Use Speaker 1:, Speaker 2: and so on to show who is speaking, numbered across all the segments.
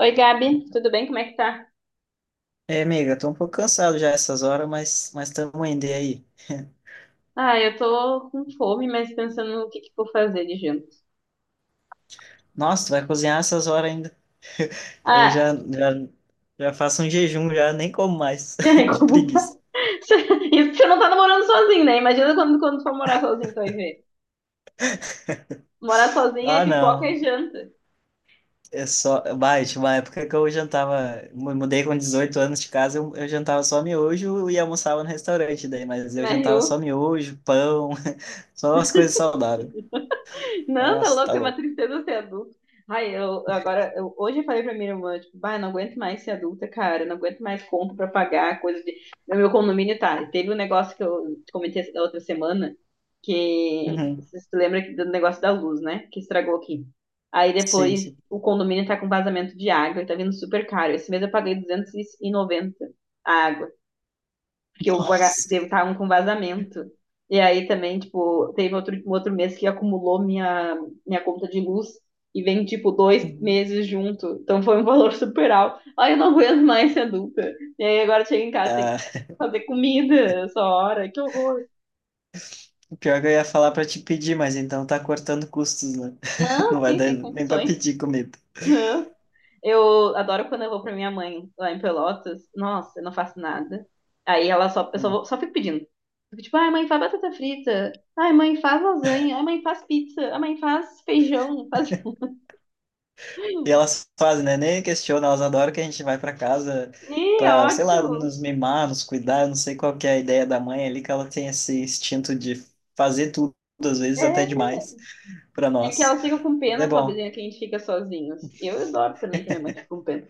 Speaker 1: Oi, Gabi, tudo bem? Como é que tá?
Speaker 2: É, amiga, tô um pouco cansado já essas horas, mas estamos indo e aí.
Speaker 1: Ah, eu tô com fome, mas pensando no que eu vou fazer de janta.
Speaker 2: Nossa, tu vai cozinhar essas horas ainda. Eu
Speaker 1: Ah,
Speaker 2: já, já já faço um jejum já, nem como mais de
Speaker 1: como...
Speaker 2: preguiça.
Speaker 1: Isso que você não tá namorando sozinho, né? Imagina quando for morar sozinho, tu vai ver. Morar sozinho é
Speaker 2: Ah,
Speaker 1: pipoca
Speaker 2: não.
Speaker 1: e janta,
Speaker 2: É só, vai, tinha uma época que eu jantava, mudei com 18 anos de casa, eu jantava só miojo e almoçava no restaurante daí, mas eu
Speaker 1: né,
Speaker 2: jantava só
Speaker 1: Rio?
Speaker 2: miojo, pão, só as coisas saudáveis.
Speaker 1: Não, tá
Speaker 2: Nossa, tá
Speaker 1: louco, é uma
Speaker 2: louco.
Speaker 1: tristeza ser adulto. Ai, eu agora, hoje eu falei pra minha irmã, tipo, vai, não aguento mais ser adulta, cara, não aguento mais conta pra pagar, coisa de. No meu condomínio tá. Teve um negócio que eu te comentei da outra semana, que
Speaker 2: Uhum.
Speaker 1: você se lembra do negócio da luz, né? Que estragou aqui. Aí
Speaker 2: Sim,
Speaker 1: depois
Speaker 2: sim.
Speaker 1: o condomínio tá com vazamento de água e tá vindo super caro. Esse mês eu paguei 290 a que eu
Speaker 2: Nossa.
Speaker 1: estavam com vazamento. E aí também, tipo, teve outro, um outro mês que acumulou minha conta de luz e vem, tipo, dois
Speaker 2: Uhum.
Speaker 1: meses junto. Então foi um valor super alto. Ai, eu não aguento mais ser adulta. E aí agora chega em casa, tem que
Speaker 2: Ah,
Speaker 1: fazer comida essa hora. Que horror.
Speaker 2: pior que eu ia falar pra te pedir, mas então tá cortando custos, né? Não
Speaker 1: Não,
Speaker 2: vai
Speaker 1: tem
Speaker 2: dar
Speaker 1: sem
Speaker 2: nem pra
Speaker 1: condições.
Speaker 2: pedir comida.
Speaker 1: Não. Eu adoro quando eu vou pra minha mãe lá em Pelotas. Nossa, eu não faço nada. Aí ela só, eu só,
Speaker 2: Hum.
Speaker 1: vou, só fico pedindo. Fico tipo, ai, mãe, faz batata frita. Ai, mãe, faz lasanha. Ai, mãe, faz pizza. Ai, mãe, faz feijão. Faz...
Speaker 2: E elas fazem, né? Nem questionam, elas adoram que a gente vai pra casa
Speaker 1: Ih,
Speaker 2: pra, sei lá,
Speaker 1: ótimo.
Speaker 2: nos mimar, nos cuidar. Eu não sei qual que é a ideia da mãe ali, que ela tem esse instinto de fazer tudo, às vezes até
Speaker 1: É.
Speaker 2: demais, pra
Speaker 1: É que
Speaker 2: nós.
Speaker 1: elas ficam com
Speaker 2: Mas é
Speaker 1: pena,
Speaker 2: bom.
Speaker 1: pobrezinha, que a gente fica sozinhos. Eu adoro também que minha mãe fica com pena.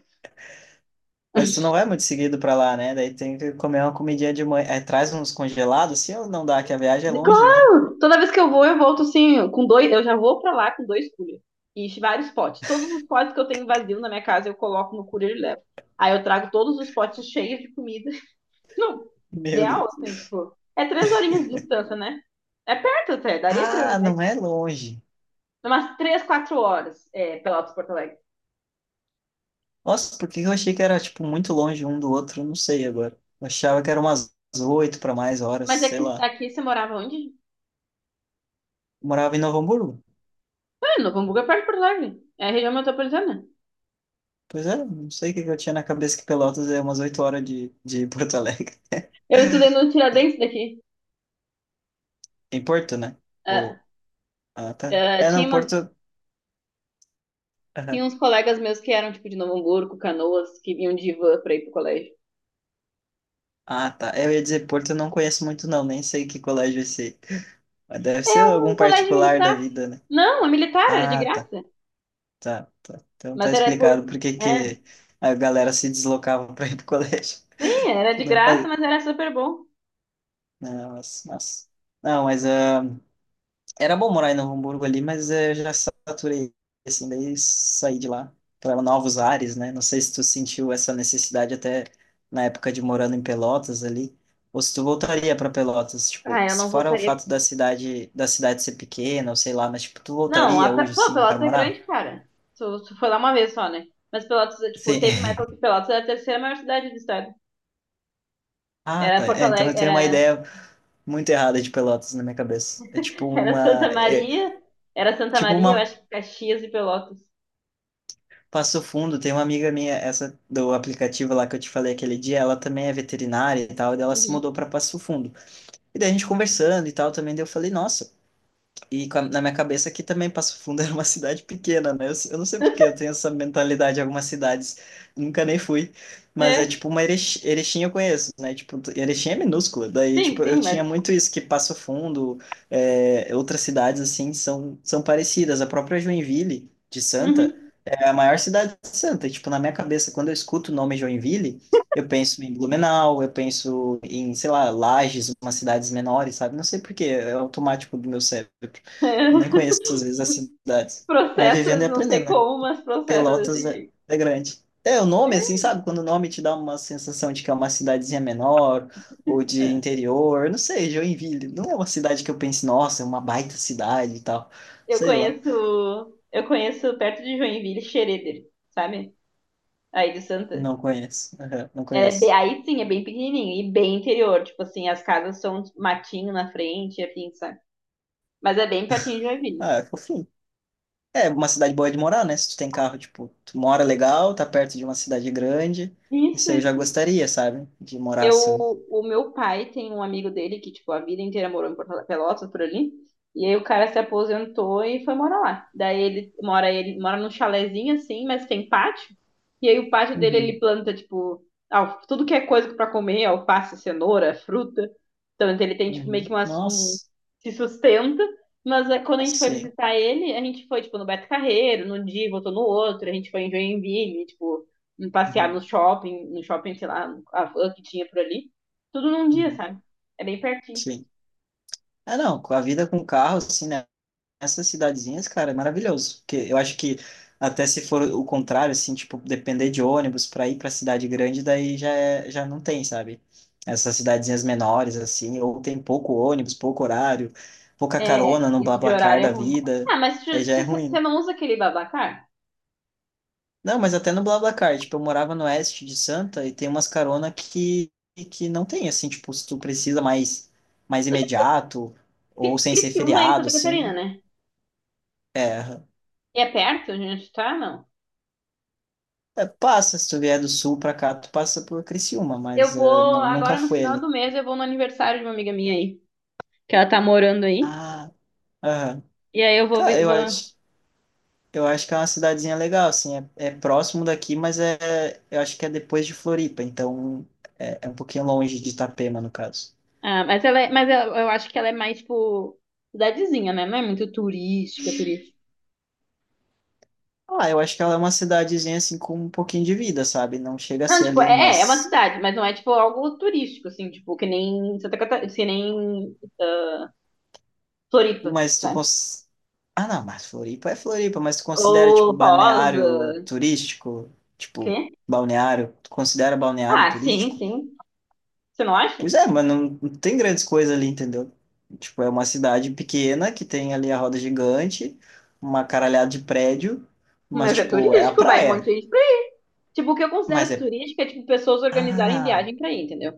Speaker 2: Mas tu não vai muito seguido pra lá, né? Daí tem que comer uma comidinha de mãe. É, traz uns congelados, se ou não dá, que a viagem é longe, né?
Speaker 1: Claro! Toda vez que eu vou, eu volto assim, com dois. Eu já vou pra lá com dois coolers. E vários potes. Todos os potes que eu tenho vazio na minha casa, eu coloco no cooler e levo. Aí eu trago todos os potes cheios de comida. Não,
Speaker 2: Meu
Speaker 1: real,
Speaker 2: Deus.
Speaker 1: assim, tipo. É 3 horinhas de distância, né? É perto até, daria pra ir,
Speaker 2: Ah,
Speaker 1: mas
Speaker 2: não é longe.
Speaker 1: umas 3, 4 horas, é, Pelotas, Porto Alegre.
Speaker 2: Nossa, porque eu achei que era, tipo, muito longe um do outro. Não sei agora. Eu achava que era umas 8 para mais horas,
Speaker 1: Mas é
Speaker 2: sei
Speaker 1: que
Speaker 2: lá.
Speaker 1: aqui você morava onde?
Speaker 2: Eu morava em Novo Hamburgo.
Speaker 1: Ah, Novo Hamburgo é perto de Porto Alegre. É a região metropolitana.
Speaker 2: Pois é, não sei o que que eu tinha na cabeça que Pelotas é umas 8 horas de Porto Alegre.
Speaker 1: Eu estudei no Tiradentes daqui.
Speaker 2: Em Porto, né?
Speaker 1: Ah,
Speaker 2: Ou... Ah, tá.
Speaker 1: ah,
Speaker 2: É,
Speaker 1: tinha
Speaker 2: não,
Speaker 1: uma,
Speaker 2: Porto...
Speaker 1: tinha
Speaker 2: Aham.
Speaker 1: uns colegas meus que eram, tipo, de Novo Hamburgo, Canoas, que vinham de van pra ir pro colégio.
Speaker 2: Ah, tá. É, eu ia dizer Porto eu não conheço muito, não. Nem sei que colégio é esse. Mas deve
Speaker 1: É
Speaker 2: ser
Speaker 1: um
Speaker 2: algum
Speaker 1: colégio
Speaker 2: particular da
Speaker 1: militar.
Speaker 2: vida, né?
Speaker 1: Não, é militar, era de
Speaker 2: Ah, tá.
Speaker 1: graça.
Speaker 2: Tá, tá. Então
Speaker 1: Mas
Speaker 2: tá
Speaker 1: era
Speaker 2: explicado
Speaker 1: por.
Speaker 2: por que
Speaker 1: É.
Speaker 2: que a galera se deslocava para ir pro colégio.
Speaker 1: Sim, era de
Speaker 2: Não
Speaker 1: graça,
Speaker 2: faz...
Speaker 1: mas era super bom.
Speaker 2: Não, mas, mas- não, mas era bom morar em Novo Hamburgo ali, mas eu já saturei, assim, daí saí de lá para novos ares, né? Não sei se tu sentiu essa necessidade até na época de morando em Pelotas ali, ou se tu voltaria para Pelotas, tipo,
Speaker 1: Ah, eu
Speaker 2: se
Speaker 1: não
Speaker 2: fora o
Speaker 1: voltaria.
Speaker 2: fato da cidade ser pequena, ou sei lá, mas tipo, tu
Speaker 1: Não, a...
Speaker 2: voltaria hoje,
Speaker 1: pô,
Speaker 2: sim, para
Speaker 1: Pelotas é
Speaker 2: morar?
Speaker 1: grande, cara. Tu, tu foi lá uma vez só, né? Mas Pelotas, é, tipo,
Speaker 2: Sim.
Speaker 1: teve uma época que Pelotas era a terceira maior cidade do estado.
Speaker 2: Ah,
Speaker 1: Era
Speaker 2: tá.
Speaker 1: Porto
Speaker 2: É, então eu
Speaker 1: Alegre,
Speaker 2: tenho uma
Speaker 1: era,
Speaker 2: ideia muito errada de Pelotas na minha cabeça.
Speaker 1: era Santa
Speaker 2: É,
Speaker 1: Maria, era Santa
Speaker 2: tipo
Speaker 1: Maria, eu
Speaker 2: uma
Speaker 1: acho que Caxias e Pelotas.
Speaker 2: Passo Fundo, tem uma amiga minha, essa do aplicativo lá que eu te falei aquele dia, ela também é veterinária e tal, e daí ela se
Speaker 1: Uhum.
Speaker 2: mudou para Passo Fundo. E daí a gente conversando e tal também, daí eu falei, nossa, e na minha cabeça aqui também Passo Fundo era uma cidade pequena, né? Eu não sei por que eu tenho essa mentalidade em algumas cidades, nunca nem fui, mas é
Speaker 1: É,
Speaker 2: tipo uma Erechim, Erechim eu conheço, né? Tipo, Erechim é minúscula, daí
Speaker 1: sim,
Speaker 2: tipo, eu
Speaker 1: sim,
Speaker 2: tinha
Speaker 1: mas.
Speaker 2: muito isso, que Passo Fundo, é, outras cidades assim, são parecidas, a própria Joinville de Santa
Speaker 1: Uhum.
Speaker 2: é a maior cidade santa. E, tipo, na minha cabeça, quando eu escuto o nome Joinville, eu penso em Blumenau, eu penso em, sei lá, Lages, umas cidades menores, sabe? Não sei por quê, é automático do meu cérebro.
Speaker 1: É.
Speaker 2: Eu nem conheço, às vezes, as cidades. Mas
Speaker 1: Processa,
Speaker 2: vivendo e
Speaker 1: não sei
Speaker 2: aprendendo, né?
Speaker 1: como, mas processa
Speaker 2: Pelotas
Speaker 1: desse
Speaker 2: é,
Speaker 1: jeito.
Speaker 2: é grande. É, o nome, assim, sabe? Quando o nome te dá uma sensação de que é uma cidadezinha menor ou de
Speaker 1: É.
Speaker 2: interior, não sei, Joinville. Não é uma cidade que eu pense, nossa, é uma baita cidade e tal.
Speaker 1: Eu
Speaker 2: Sei lá.
Speaker 1: conheço, eu conheço perto de Joinville, Xereder, sabe? Aí de Santa.
Speaker 2: Não conheço. Aham, não
Speaker 1: É,
Speaker 2: conheço.
Speaker 1: aí sim, é bem pequenininho e bem interior. Tipo assim, as casas são matinho na frente, assim, sabe? Mas é bem pertinho de Joinville.
Speaker 2: Ah, é fofinho. É uma cidade boa é de morar, né? Se tu tem carro, tipo, tu mora legal, tá perto de uma cidade grande. Isso
Speaker 1: Isso,
Speaker 2: aí eu já
Speaker 1: isso.
Speaker 2: gostaria, sabe? De morar
Speaker 1: Eu,
Speaker 2: assim.
Speaker 1: o meu pai tem um amigo dele que, tipo, a vida inteira morou em Porto Pelotas, por ali. E aí o cara se aposentou e foi morar lá. Daí ele mora num chalezinho assim, mas tem pátio. E aí o pátio dele ele
Speaker 2: Uhum,
Speaker 1: planta, tipo, tudo que é coisa pra comer, alface, cenoura, fruta. Então ele tem, tipo, meio
Speaker 2: uhum.
Speaker 1: que umas, um,
Speaker 2: Nossa,
Speaker 1: se sustenta. Mas é, quando a gente foi
Speaker 2: sim.
Speaker 1: visitar ele, a gente foi, tipo, no Beto Carreiro, num dia, e voltou no outro, a gente foi em Joinville, tipo em passear
Speaker 2: Uhum,
Speaker 1: no shopping, no shopping, sei lá, a van que tinha por ali. Tudo num dia,
Speaker 2: uhum,
Speaker 1: sabe? É bem pertinho.
Speaker 2: sim. Ah, não, com a vida com carro, assim, né? Essas cidadezinhas, cara, é maravilhoso. Porque eu acho que até se for o contrário, assim, tipo, depender de ônibus para ir para cidade grande, daí já, é- já não tem, sabe? Essas cidadezinhas menores, assim, ou tem pouco ônibus, pouco horário, pouca
Speaker 1: É,
Speaker 2: carona no
Speaker 1: isso de
Speaker 2: BlaBlaCar
Speaker 1: horário é
Speaker 2: da
Speaker 1: ruim.
Speaker 2: vida,
Speaker 1: Ah, mas
Speaker 2: aí já é
Speaker 1: você
Speaker 2: ruim.
Speaker 1: não usa aquele Babacar?
Speaker 2: Né? Não, mas até no BlaBlaCar, tipo, eu morava no oeste de Santa e tem umas carona que, não tem, assim, tipo, se tu precisa mais, mais imediato
Speaker 1: Porque
Speaker 2: ou sem ser
Speaker 1: Criciúma é em
Speaker 2: feriado,
Speaker 1: Santa Catarina,
Speaker 2: assim.
Speaker 1: né?
Speaker 2: É,
Speaker 1: E é perto onde a gente tá? Não.
Speaker 2: é, passa, se tu vier do sul pra cá, tu passa por Criciúma,
Speaker 1: Eu
Speaker 2: mas
Speaker 1: vou,
Speaker 2: nunca
Speaker 1: agora no
Speaker 2: foi
Speaker 1: final do
Speaker 2: ali.
Speaker 1: mês, eu vou no aniversário de uma amiga minha aí, que ela tá morando aí.
Speaker 2: Ah, aham.
Speaker 1: E aí eu vou,
Speaker 2: Cara, eu
Speaker 1: vou...
Speaker 2: acho, eu acho que é uma cidadezinha legal, assim, é, é próximo daqui, mas é, eu acho que é depois de Floripa, então é, é um pouquinho longe de Itapema, no caso.
Speaker 1: Ah, mas ela é, mas ela- eu acho que ela é mais, tipo, cidadezinha, né? Não é muito turística, turística.
Speaker 2: Ah, eu acho que ela é uma cidadezinha, assim, com um pouquinho de vida, sabe? Não chega a
Speaker 1: Não,
Speaker 2: ser
Speaker 1: tipo,
Speaker 2: ali,
Speaker 1: é, é uma cidade, mas não é, tipo, algo turístico, assim, tipo, que nem Santa Catarina, que nem Floripa,
Speaker 2: mas tu
Speaker 1: sabe?
Speaker 2: cons... Ah, não, mas Floripa é Floripa, mas tu considera, tipo,
Speaker 1: Ou Rosa,
Speaker 2: balneário turístico?
Speaker 1: quê?
Speaker 2: Tipo, balneário, tu considera balneário
Speaker 1: Ah, sim,
Speaker 2: turístico?
Speaker 1: sim. Você não acha?
Speaker 2: Pois é, mas não, não tem grandes coisas ali, entendeu? Tipo, é uma cidade pequena que tem ali a roda gigante, uma caralhada de prédio, mas,
Speaker 1: Mas é
Speaker 2: tipo, é a
Speaker 1: turístico, vai um monte
Speaker 2: praia.
Speaker 1: de gente pra ir. Tipo, o que eu
Speaker 2: Mas
Speaker 1: considero
Speaker 2: é.
Speaker 1: turístico é, tipo, pessoas organizarem
Speaker 2: Ah,
Speaker 1: viagem pra ir, entendeu?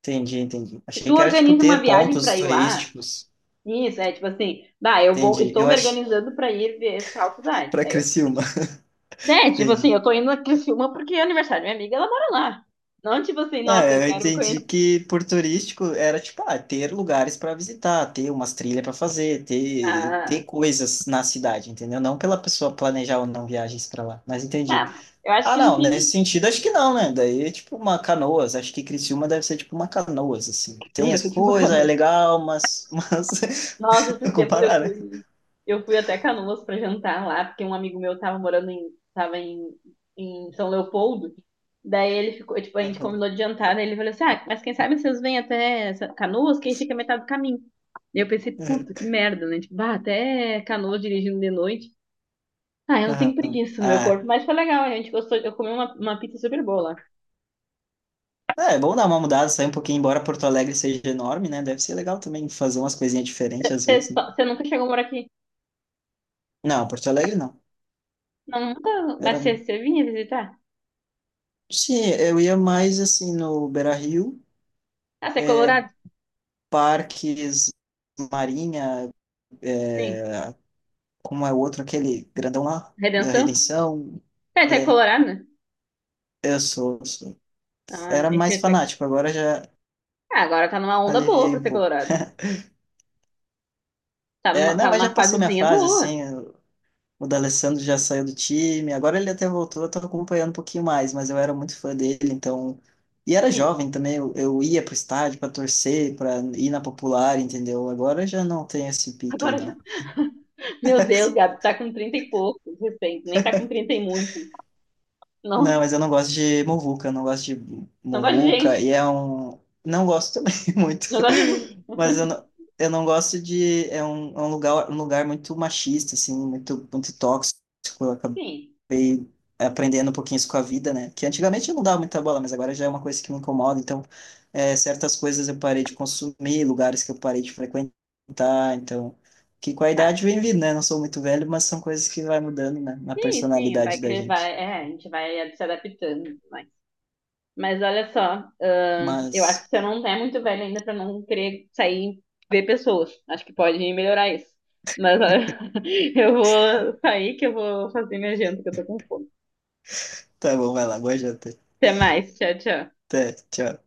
Speaker 2: entendi, entendi.
Speaker 1: Se
Speaker 2: Achei
Speaker 1: tu
Speaker 2: que era, tipo,
Speaker 1: organiza uma
Speaker 2: ter
Speaker 1: viagem
Speaker 2: pontos
Speaker 1: pra ir lá,
Speaker 2: turísticos.
Speaker 1: isso, é, tipo assim, bah, eu vou,
Speaker 2: Entendi.
Speaker 1: estou
Speaker 2: Eu
Speaker 1: me
Speaker 2: achei.
Speaker 1: organizando pra ir ver tal cidade.
Speaker 2: Pra
Speaker 1: Aí eu,
Speaker 2: Criciúma,
Speaker 1: é, tipo assim,
Speaker 2: entendi.
Speaker 1: eu tô indo a Criciúma porque é aniversário da minha amiga, ela mora lá. Não, tipo assim,
Speaker 2: Não,
Speaker 1: nossa, eu
Speaker 2: eu
Speaker 1: quero
Speaker 2: entendi
Speaker 1: conhecer.
Speaker 2: que por turístico era, tipo, ah, ter lugares para visitar, ter umas trilhas para fazer, ter,
Speaker 1: Ah,
Speaker 2: ter coisas na cidade, entendeu? Não pela pessoa planejar ou não viagens para lá, mas entendi.
Speaker 1: ah, eu acho
Speaker 2: Ah,
Speaker 1: que no
Speaker 2: não, nesse
Speaker 1: fim.
Speaker 2: sentido acho que não, né? Daí é tipo uma canoas, acho que Criciúma deve ser tipo uma canoas, assim. Tem as
Speaker 1: Segurança de uma
Speaker 2: coisas, é
Speaker 1: Canoas.
Speaker 2: legal, mas
Speaker 1: Nossa,
Speaker 2: não
Speaker 1: esses tempos eu
Speaker 2: comparar, né?
Speaker 1: fui. Eu fui até Canoas pra jantar lá, porque um amigo meu tava morando em. Tava em, em São Leopoldo. Daí ele ficou, tipo, a gente
Speaker 2: Aham,
Speaker 1: combinou de jantar, daí ele falou assim, ah, mas quem sabe vocês vêm até Canoas, quem fica metade do caminho. Daí eu pensei, puta, que merda, né? Tipo, bah, até Canoas dirigindo de noite. Ah, eu não
Speaker 2: aham,
Speaker 1: tenho
Speaker 2: aham.
Speaker 1: preguiça no meu
Speaker 2: Ah,
Speaker 1: corpo, mas foi legal, a gente gostou, eu comi uma pizza super boa lá.
Speaker 2: é, é bom dar uma mudada, sair um pouquinho, embora Porto Alegre seja enorme, né? Deve ser legal também fazer umas coisinhas diferentes às vezes,
Speaker 1: Você
Speaker 2: né?
Speaker 1: você nunca chegou a morar aqui?
Speaker 2: Não, Porto Alegre não.
Speaker 1: Não, nunca, mas
Speaker 2: Era...
Speaker 1: você, você vinha visitar?
Speaker 2: Sim, eu ia mais assim no Beira-Rio,
Speaker 1: Ah, você é
Speaker 2: é,
Speaker 1: colorado?
Speaker 2: parques, Marinha,
Speaker 1: Sim.
Speaker 2: como é o outro, aquele grandão lá, da
Speaker 1: Redenção?
Speaker 2: Redenção.
Speaker 1: É, você é
Speaker 2: É,
Speaker 1: colorado, né?
Speaker 2: eu sou, eu sou.
Speaker 1: Ah,
Speaker 2: Era mais fanático, agora já
Speaker 1: ah, agora tá numa onda boa
Speaker 2: aliviei
Speaker 1: pra
Speaker 2: um
Speaker 1: ser
Speaker 2: pouco.
Speaker 1: colorado.
Speaker 2: É, não,
Speaker 1: Tá
Speaker 2: mas já
Speaker 1: numa
Speaker 2: passou minha
Speaker 1: fasezinha
Speaker 2: fase,
Speaker 1: boa.
Speaker 2: assim. Eu- o D'Alessandro já saiu do time, agora ele até voltou, eu tô acompanhando um pouquinho mais, mas eu era muito fã dele, então. E era
Speaker 1: Sim.
Speaker 2: jovem também, eu ia pro estádio pra torcer, pra ir na popular, entendeu? Agora eu já não tenho esse pique aí,
Speaker 1: Agora já.
Speaker 2: não.
Speaker 1: Meu Deus, Gabi, tá com 30 e poucos, recente. Nem tá com 30 e muitos. Não,
Speaker 2: Não, mas eu não gosto de muvuca, eu não gosto de
Speaker 1: não gosto de
Speaker 2: muvuca, e
Speaker 1: gente.
Speaker 2: é um. Não gosto também muito.
Speaker 1: Não gosto de
Speaker 2: Mas eu
Speaker 1: gente.
Speaker 2: não, eu não gosto de. É um lugar muito machista, assim, muito, muito tóxico. Eu acabei
Speaker 1: Sim.
Speaker 2: aprendendo um pouquinho isso com a vida, né? Que antigamente eu não dava muita bola, mas agora já é uma coisa que me incomoda. Então, é, certas coisas eu parei de consumir, lugares que eu parei de frequentar. Então, que com a
Speaker 1: Ah,
Speaker 2: idade vem vindo, né? Não sou muito velho, mas são coisas que vai mudando, né? Na
Speaker 1: sim, sim. Vai,
Speaker 2: personalidade da
Speaker 1: vai,
Speaker 2: gente.
Speaker 1: é, a gente vai se adaptando. Vai. Mas olha só, eu acho que
Speaker 2: Mas.
Speaker 1: você não é muito velho ainda pra não querer sair e ver pessoas. Acho que pode melhorar isso. Mas olha, eu vou sair que eu vou fazer minha janta, que eu tô com fome.
Speaker 2: Tá bom, vai lá, boa janta.
Speaker 1: Até mais, tchau, tchau.
Speaker 2: Até, tchau.